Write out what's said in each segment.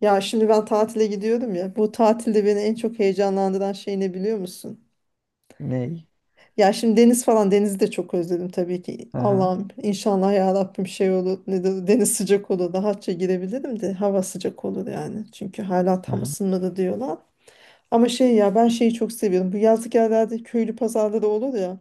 Ya şimdi ben tatile gidiyorum ya. Bu tatilde beni en çok heyecanlandıran şey ne biliyor musun? Ney? Ya şimdi deniz falan denizi de çok özledim tabii ki. Aha, Allah'ım inşallah ya Rabbim şey olur. Deniz sıcak olur. Rahatça girebilirim de hava sıcak olur yani. Çünkü hala tam aha. ısınmadı diyorlar. Ama şey ya ben şeyi çok seviyorum. Bu yazlık yerlerde köylü pazarları olur ya.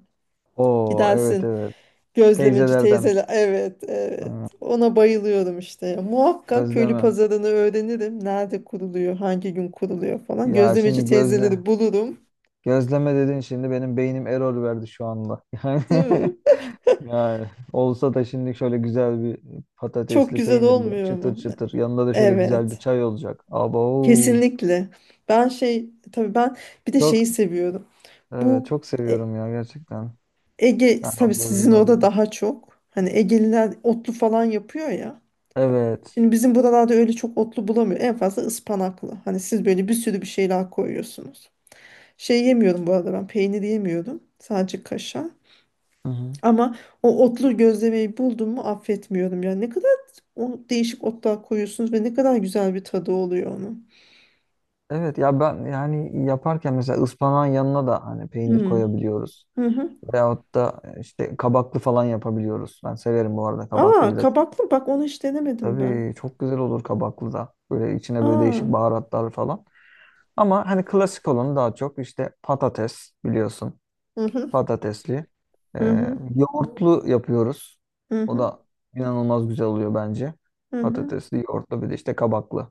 Oo, evet, Gidersin. evet. Gözlemeci Teyzelerden. teyzeler. Evet, evet. Aa, Ona bayılıyorum işte ya. Muhakkak köylü gözleme. pazarını öğrenirim. Nerede kuruluyor, hangi gün kuruluyor falan. Ya Gözlemeci şimdi gözle. teyzeleri bulurum. Gözleme dedin, şimdi benim beynim error verdi şu anda. Yani, Değil mi? yani olsa da şimdi şöyle güzel bir Çok patatesli güzel peynirli olmuyor çıtır mu? çıtır, yanında da şöyle güzel bir Evet. çay olacak. Abo. Kesinlikle. Ben şey tabii ben bir de Çok şeyi seviyorum. evet, Bu çok E- seviyorum ya gerçekten. Ege Ben tabii o sizin gözleme orada dedim. daha çok. Hani Egeliler otlu falan yapıyor ya. Evet. Şimdi bizim buralarda öyle çok otlu bulamıyor. En fazla ıspanaklı. Hani siz böyle bir sürü bir şeyler koyuyorsunuz. Şey yemiyorum bu arada ben peynir yemiyorum. Sadece kaşar. Hı hı. Ama o otlu gözlemeyi buldum mu affetmiyorum. Yani ne kadar o değişik otlar koyuyorsunuz ve ne kadar güzel bir tadı oluyor onun. Evet ya, ben yani yaparken mesela ıspanağın yanına da hani peynir Hmm. koyabiliyoruz. Hı hı. Veyahut da işte kabaklı falan yapabiliyoruz. Ben severim bu arada Aa kabaklıyı da. kabaklı bak onu hiç denemedim ben. Tabii, çok güzel olur kabaklı da. Böyle içine böyle Aa. değişik baharatlar falan. Ama hani klasik olanı daha çok, işte patates biliyorsun. Hı hı. Patatesli. Hı Ee, hı. Yoğurtlu yapıyoruz. Hı O hı. da inanılmaz güzel oluyor bence. Hı hı. Patatesli, yoğurtlu, bir de işte kabaklı.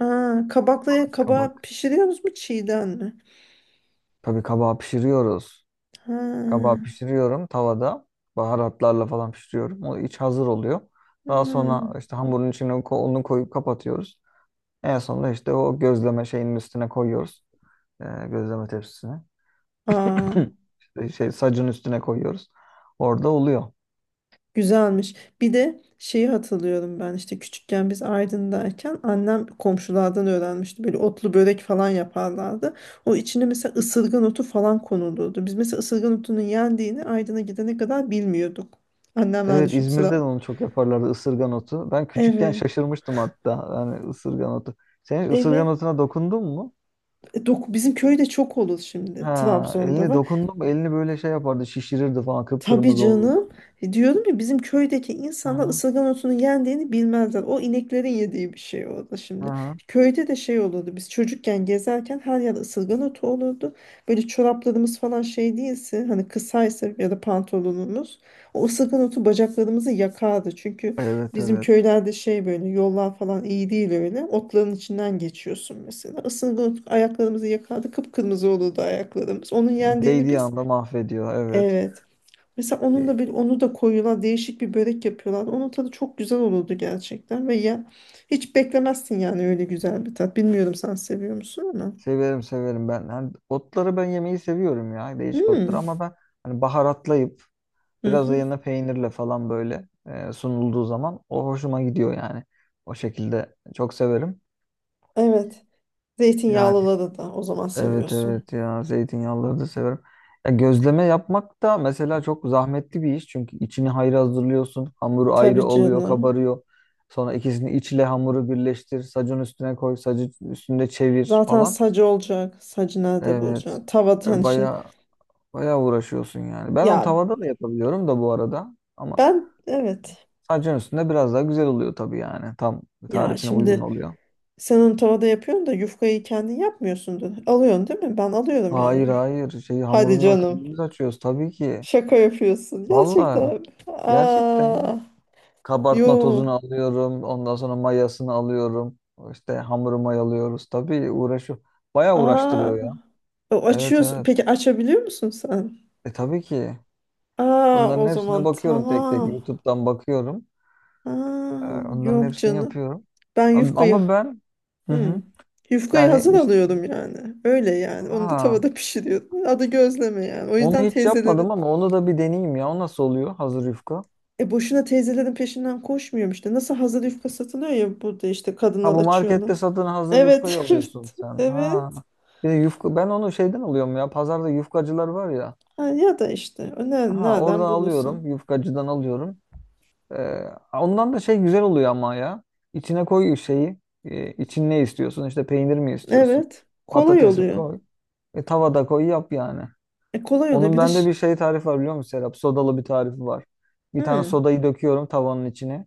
Aa, kabaklıya kabağı Kabak. pişiriyorsunuz mu çiğden mi? Tabii kabağı pişiriyoruz. Kabağı Ha. pişiriyorum tavada. Baharatlarla falan pişiriyorum. O iç hazır oluyor. Daha Hmm. sonra işte hamurun içine onu koyup kapatıyoruz. En sonunda işte o gözleme şeyinin üstüne koyuyoruz. Gözleme tepsisine. Aa. Sacın üstüne koyuyoruz. Orada oluyor. Güzelmiş. Bir de şeyi hatırlıyorum ben işte küçükken biz Aydın'dayken annem komşulardan öğrenmişti. Böyle otlu börek falan yaparlardı. O içine mesela ısırgan otu falan konulurdu. Biz mesela ısırgan otunun yendiğini Aydın'a gidene kadar bilmiyorduk. Annemler Evet, düşün İzmir'de de sıra. onu çok yaparlardı, ısırgan otu. Ben küçükken Evet. şaşırmıştım hatta. Yani ısırgan otu. Sen hiç ısırgan Evet. otuna dokundun mu? E, bizim köyde çok olur şimdi. Ha, Trabzon'da elini var. dokundum, elini böyle şey yapardı, şişirirdi falan, Tabii kıpkırmızı olurdu. canım. E, diyorum ya bizim köydeki Hı insanlar hı. ısırgan otunun yendiğini bilmezler. O ineklerin yediği bir şey orada Hı şimdi. hı. Köyde de şey olurdu. Biz çocukken gezerken her yer ısırgan otu olurdu. Böyle çoraplarımız falan şey değilse hani kısaysa ya da pantolonumuz o ısırgan otu bacaklarımızı yakardı. Çünkü Evet, bizim evet. köylerde şey böyle yollar falan iyi değil öyle. Otların içinden geçiyorsun mesela. Isırgan otu ayaklarımızı yakardı. Kıpkırmızı olurdu ayaklarımız. Onun yendiğini Değdiği biz. anda mahvediyor. Evet. Evet. Mesela onun da bir E, onu da koyuyorlar değişik bir börek yapıyorlar. Onun tadı çok güzel olurdu gerçekten ve ya hiç beklemezsin yani öyle güzel bir tat. Bilmiyorum sen seviyor musun ama. Severim, severim ben. Hani otları ben yemeyi seviyorum ya. Değişik otları, Hmm. ama ben hani baharatlayıp Hı biraz da hı. yanına peynirle falan, böyle sunulduğu zaman o hoşuma gidiyor yani. O şekilde çok severim. Evet. Yani, Zeytinyağlıları da o zaman evet, seviyorsun. evet ya, zeytinyağlıları da severim. Ya, gözleme yapmak da mesela çok zahmetli bir iş. Çünkü içini ayrı hazırlıyorsun. Hamuru ayrı Tabii oluyor, canım. kabarıyor. Sonra ikisini, içle hamuru birleştir. Sacın üstüne koy, sacı üstünde çevir Zaten falan. sacı olacak. Sacı nerede Evet. bulacaksın? Tavada yani şimdi, Baya baya uğraşıyorsun yani. Ben onu ya tavada da yapabiliyorum da bu arada. Ama ben, evet. sacın üstünde biraz daha güzel oluyor tabii yani. Tam Ya tarifine uygun şimdi oluyor. sen onu tavada yapıyorsun da yufkayı kendin yapmıyorsundur. Alıyorsun değil mi? Ben alıyorum yani. Hayır, hayır. Şey, Hadi hamurunu da canım. kendimiz açıyoruz tabii ki. Şaka yapıyorsun. Gerçekten. Vallahi mi? gerçekten ya. Aa, Kabartma yo. tozunu alıyorum. Ondan sonra mayasını alıyorum. İşte hamuru mayalıyoruz. Tabii uğraşıyor. Bayağı Aa. uğraştırıyor ya. O Evet, açıyorsun. evet. Peki açabiliyor musun sen? E, tabii ki. Aa, Onların o zaman hepsine bakıyorum tek tek. tamam. YouTube'dan bakıyorum. Aa, Onların yok hepsini canım. yapıyorum. Ben yufkayı Ama ben, hı . Hmm. hı. Yufkayı Yani hazır işte, alıyordum yani. Öyle yani. Onu da ha, tavada pişiriyordum. Adı gözleme yani. O onu yüzden hiç yapmadım, teyzelerin ama onu da bir deneyeyim ya. O nasıl oluyor hazır yufka? e boşuna teyzelerin peşinden koşmuyorum işte. Nasıl hazır yufka satılıyor ya burada işte Ha, kadınlar bu açıyor onu. markette satın hazır Evet. yufkayı alıyorsun Evet. sen. Ha. Evet. Bir de yufka, ben onu şeyden alıyorum ya. Pazarda yufkacılar var ya. Ha, ya da işte o Ha, nereden oradan alıyorum. bulursun. Yufkacıdan alıyorum. Ee, Ondan da şey güzel oluyor ama ya. İçine koy şeyi. İçin ne istiyorsun? İşte peynir mi istiyorsun? Evet. Kolay Patates mi oluyor. koy? Tavada koy yap yani. E, kolay oluyor. Onun Bir de bende ş-. bir şey tarifi var biliyor musun Serap? Sodalı bir tarifi var. Bir tane Hı. sodayı döküyorum tavanın içine.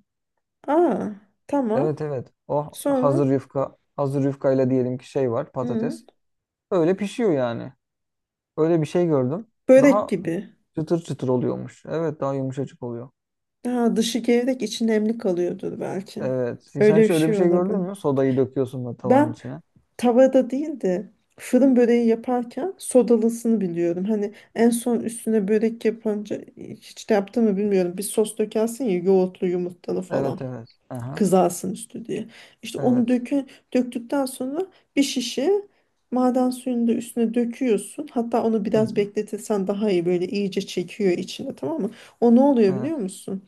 Aa, tamam. Evet, evet. O Sonra. hazır yufka. Hazır yufkayla diyelim ki şey var, Hı. patates. Öyle pişiyor yani. Öyle bir şey gördüm. Börek Daha gibi. çıtır çıtır oluyormuş. Evet, daha yumuşacık oluyor. Ha, dışı gevrek içi nemli kalıyordur belki. Evet. Sen Öyle bir şöyle bir şey şey gördün olabilir. mü? Sodayı döküyorsun da tavanın Ben içine. tavada değil de fırın böreği yaparken sodalısını biliyorum. Hani en son üstüne börek yapınca hiç de yaptığımı bilmiyorum. Bir sos dökersin ya yoğurtlu yumurtalı falan. Evet, evet. Aha. Kızarsın üstü diye. İşte onu Evet. Döktükten sonra bir şişe maden suyunu da üstüne döküyorsun. Hatta onu Hı biraz hı. bekletirsen daha iyi böyle iyice çekiyor içine tamam mı? O ne oluyor Evet. biliyor musun?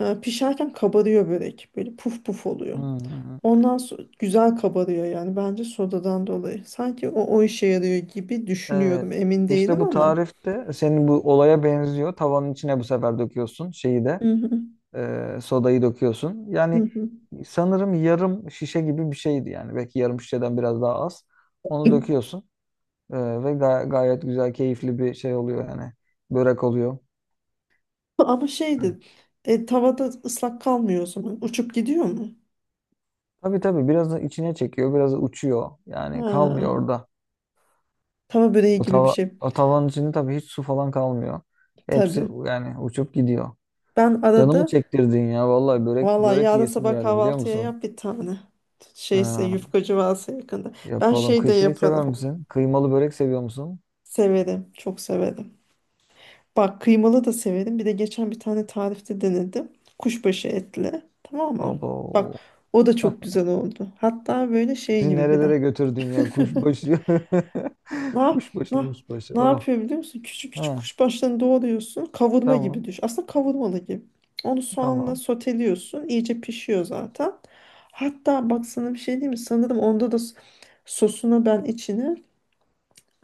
Pişerken kabarıyor börek. Böyle puf puf oluyor. Hı hı hı. Ondan sonra güzel kabarıyor yani bence sodadan dolayı. Sanki o işe yarıyor gibi Evet. düşünüyorum. Emin İşte değilim bu ama. tarifte senin bu olaya benziyor. Tavanın içine bu sefer döküyorsun şeyi de, Hı hı, sodayı döküyorsun. hı Yani hı. sanırım yarım şişe gibi bir şeydi yani. Belki yarım şişeden biraz daha az. Onu döküyorsun. E, ve gayet güzel, keyifli bir şey oluyor yani. Börek oluyor. Ama şeydi, tavada ıslak kalmıyor o zaman. Uçup gidiyor mu? Tabii, tabii biraz da içine çekiyor, biraz da uçuyor. Yani kalmıyor Ha. orada. Tava böreği O, gibi bir tava, şey. o tavanın içinde tabii hiç su falan kalmıyor. Hepsi Tabii. yani uçup gidiyor. Ben Canımı arada çektirdin ya. Vallahi börek, valla börek yarın yiyesim sabah geldi biliyor kahvaltıya musun? yap bir tane. Şeyse Ha, yufkacı varsa yakında. Ben yapalım. şey de Şey yaparım. sever misin? Kıymalı börek seviyor musun? Severim. Çok severim. Bak kıymalı da severim. Bir de geçen bir tane tarifte denedim. Kuşbaşı etli. Tamam mı? Bak Abo. o da çok güzel oldu. Hatta böyle şey Bizi gibi bir de. nerelere götürdün ya, kuşbaşı. Ne, yap- Kuşbaşı, ne, kuşbaşı. ne Oh. yapıyor biliyor musun? Küçük küçük Ha, kuşbaşlarını doğruyorsun. Kavurma tamam. gibi düş. Aslında kavurmalı gibi. Onu soğanla Tamam. soteliyorsun. İyice pişiyor zaten. Hatta bak sana bir şey diyeyim mi? Sanırım onda da sosuna ben içine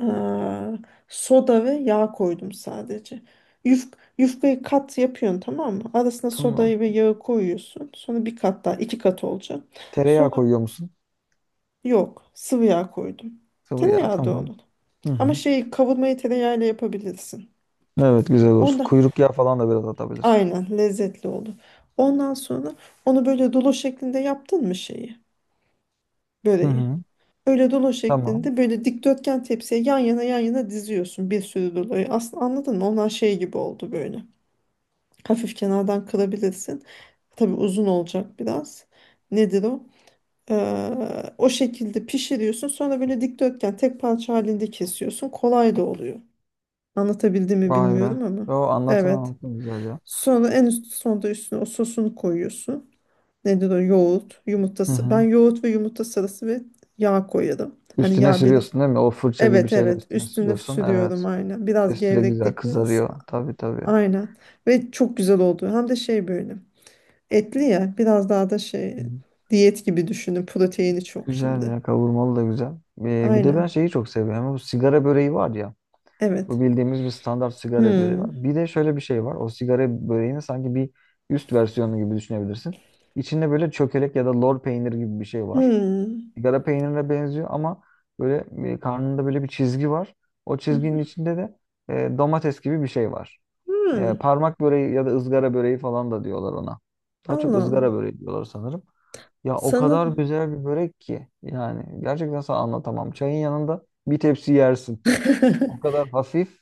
eee, soda ve yağ koydum sadece. Yuf, Yufkayı kat yapıyorsun tamam mı? Arasına Tamam. sodayı ve yağı koyuyorsun. Sonra bir kat daha iki kat olacak. Tereyağı Sonra koyuyor musun? yok sıvı yağ koydum. Sıvı yağ. Tereyağı da Tamam. onun. Hı hı. Ama şeyi kavurmayı tereyağıyla yapabilirsin. Evet, güzel olur. Onda Kuyruk yağı falan da biraz atabilirsin. aynen lezzetli olur. Ondan sonra onu böyle dolu şeklinde yaptın mı şeyi, Hı böreği? hı. Öyle dolu Tamam. şeklinde böyle dikdörtgen tepsiye yan yana yan yana diziyorsun bir sürü doluyu. Aslında anladın mı? Onlar şey gibi oldu böyle. Hafif kenardan kırabilirsin. Tabii uzun olacak biraz. Nedir o? O şekilde pişiriyorsun. Sonra böyle dikdörtgen tek parça halinde kesiyorsun. Kolay da oluyor. Anlatabildim mi Vay be. bilmiyorum ama. Yo, anlatın Evet. anlatın, güzel ya. Sonra en üst sonda üstüne o sosunu koyuyorsun. Nedir o? Yoğurt, Hı yumurtası. Ben hı. yoğurt ve yumurta sarısı ve yağ koyarım. Hani Üstüne yağ bir. sürüyorsun değil mi? O fırça gibi Evet, şeyle evet, üstüne üstüne sürüyorsun. sürüyorum Evet. aynen. Biraz Üstü de güzel gevreklik verirsin. kızarıyor. Tabii, tabii. Aynen. Ve çok güzel oldu. Hem de şey böyle. Etli ya biraz daha da Hı. şey diyet gibi düşünün. Proteini çok Güzel şimdi. ya, kavurmalı da güzel. Bir de ben Aynen. şeyi çok seviyorum. Bu sigara böreği var ya. Evet. Bu bildiğimiz bir standart sigara böreği Hmm. var. Bir de şöyle bir şey var. O sigara böreğinin sanki bir üst versiyonu gibi düşünebilirsin. İçinde böyle çökelek ya da lor peyniri gibi bir şey var. Hmm. Sigara peynirine benziyor, ama karnında böyle bir çizgi var. O çizginin Hmm. içinde de domates gibi bir şey var. Hmm. Parmak böreği ya da ızgara böreği falan da diyorlar ona. Daha çok Allah ızgara Allah. böreği diyorlar sanırım. Ya, o kadar Sanırım. güzel bir börek ki yani, gerçekten sana anlatamam. Çayın yanında bir tepsi yersin. O kadar hafif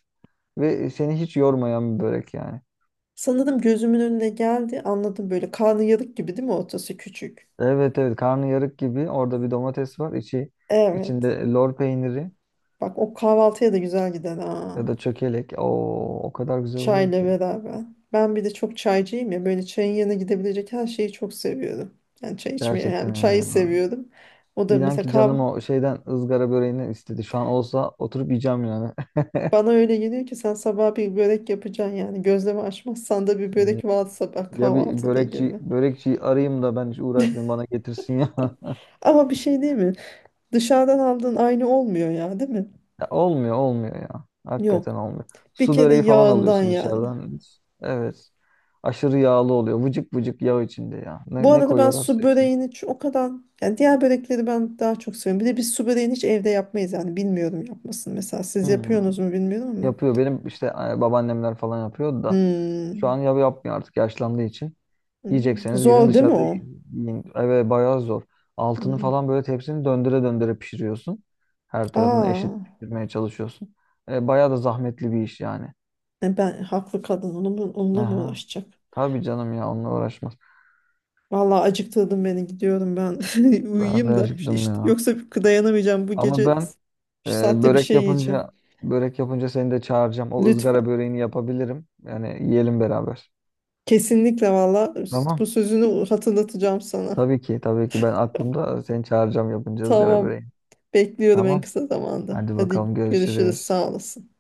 ve seni hiç yormayan bir börek yani. Sanırım gözümün önüne geldi. Anladım böyle karnıyarık gibi değil mi ortası küçük? Evet, evet, karnıyarık gibi, orada bir domates var. İçi, içinde Evet. lor peyniri Bak o kahvaltıya da güzel gider ha. ya da çökelek. Oo, o kadar güzel oluyor Çayla ki. beraber. Ben bir de çok çaycıyım ya. Böyle çayın yanına gidebilecek her şeyi çok seviyorum. Yani çay içmeyi hem Gerçekten öyle çayı ya. seviyorum. O da İnan mesela ki kahve. canım, o şeyden, ızgara böreğinden istedi. Şu an olsa oturup yiyeceğim yani. Bana öyle geliyor ki sen sabah bir börek yapacaksın yani. Gözleme açmazsan da bir Ne- börek var sabah Ya, bir kahvaltıda börekçi gibi. börekçiyi arayayım da ben hiç uğraşmayayım, bana getirsin ya. Ama bir şey değil mi? Dışarıdan aldığın aynı olmuyor ya değil mi? Ya olmuyor, olmuyor ya. Hakikaten Yok. olmuyor. Bir Su kere böreği falan yağından alıyorsun yani. dışarıdan. Evet. Aşırı yağlı oluyor. Vıcık vıcık yağ içinde ya. Bu Ne, ne arada ben su koyuyorlarsa içine. böreğini o kadar yani diğer börekleri ben daha çok seviyorum. Bir de biz su böreğini hiç evde yapmayız yani bilmiyorum yapmasını. Mesela siz Hmm. yapıyorsunuz mu bilmiyorum ama. Yapıyor. Benim işte babaannemler falan yapıyordu da. Şu an Hmm. ya yapmıyor artık, yaşlandığı için. Hmm. Yiyecekseniz gidin Zor değil mi dışarıda o? yiyin. Evet, bayağı zor. Altını Hmm. falan böyle, tepsini döndüre döndüre pişiriyorsun. Her tarafını Aa, eşit pişirmeye çalışıyorsun. Bayağı da zahmetli bir iş yani. Ben haklı kadın onu mu, onunla mı Aha. uğraşacak? Tabii canım ya, onunla uğraşmaz. Vallahi acıktırdın beni gidiyorum ben Ben de uyuyayım da acıktım işte ya. yoksa dayanamayacağım bu Ama gece ben e, şu saatte bir börek şey yiyeceğim. yapınca börek yapınca seni de çağıracağım. O ızgara Lütfen. böreğini yapabilirim. Yani yiyelim beraber. Kesinlikle valla Tamam. bu sözünü hatırlatacağım sana. Tabii ki, tabii ki, ben aklımda, seni çağıracağım yapınca ızgara Tamam. böreğini. Bekliyorum en Tamam. kısa zamanda. Hadi Hadi bakalım, görüşürüz. görüşürüz. Sağ olasın.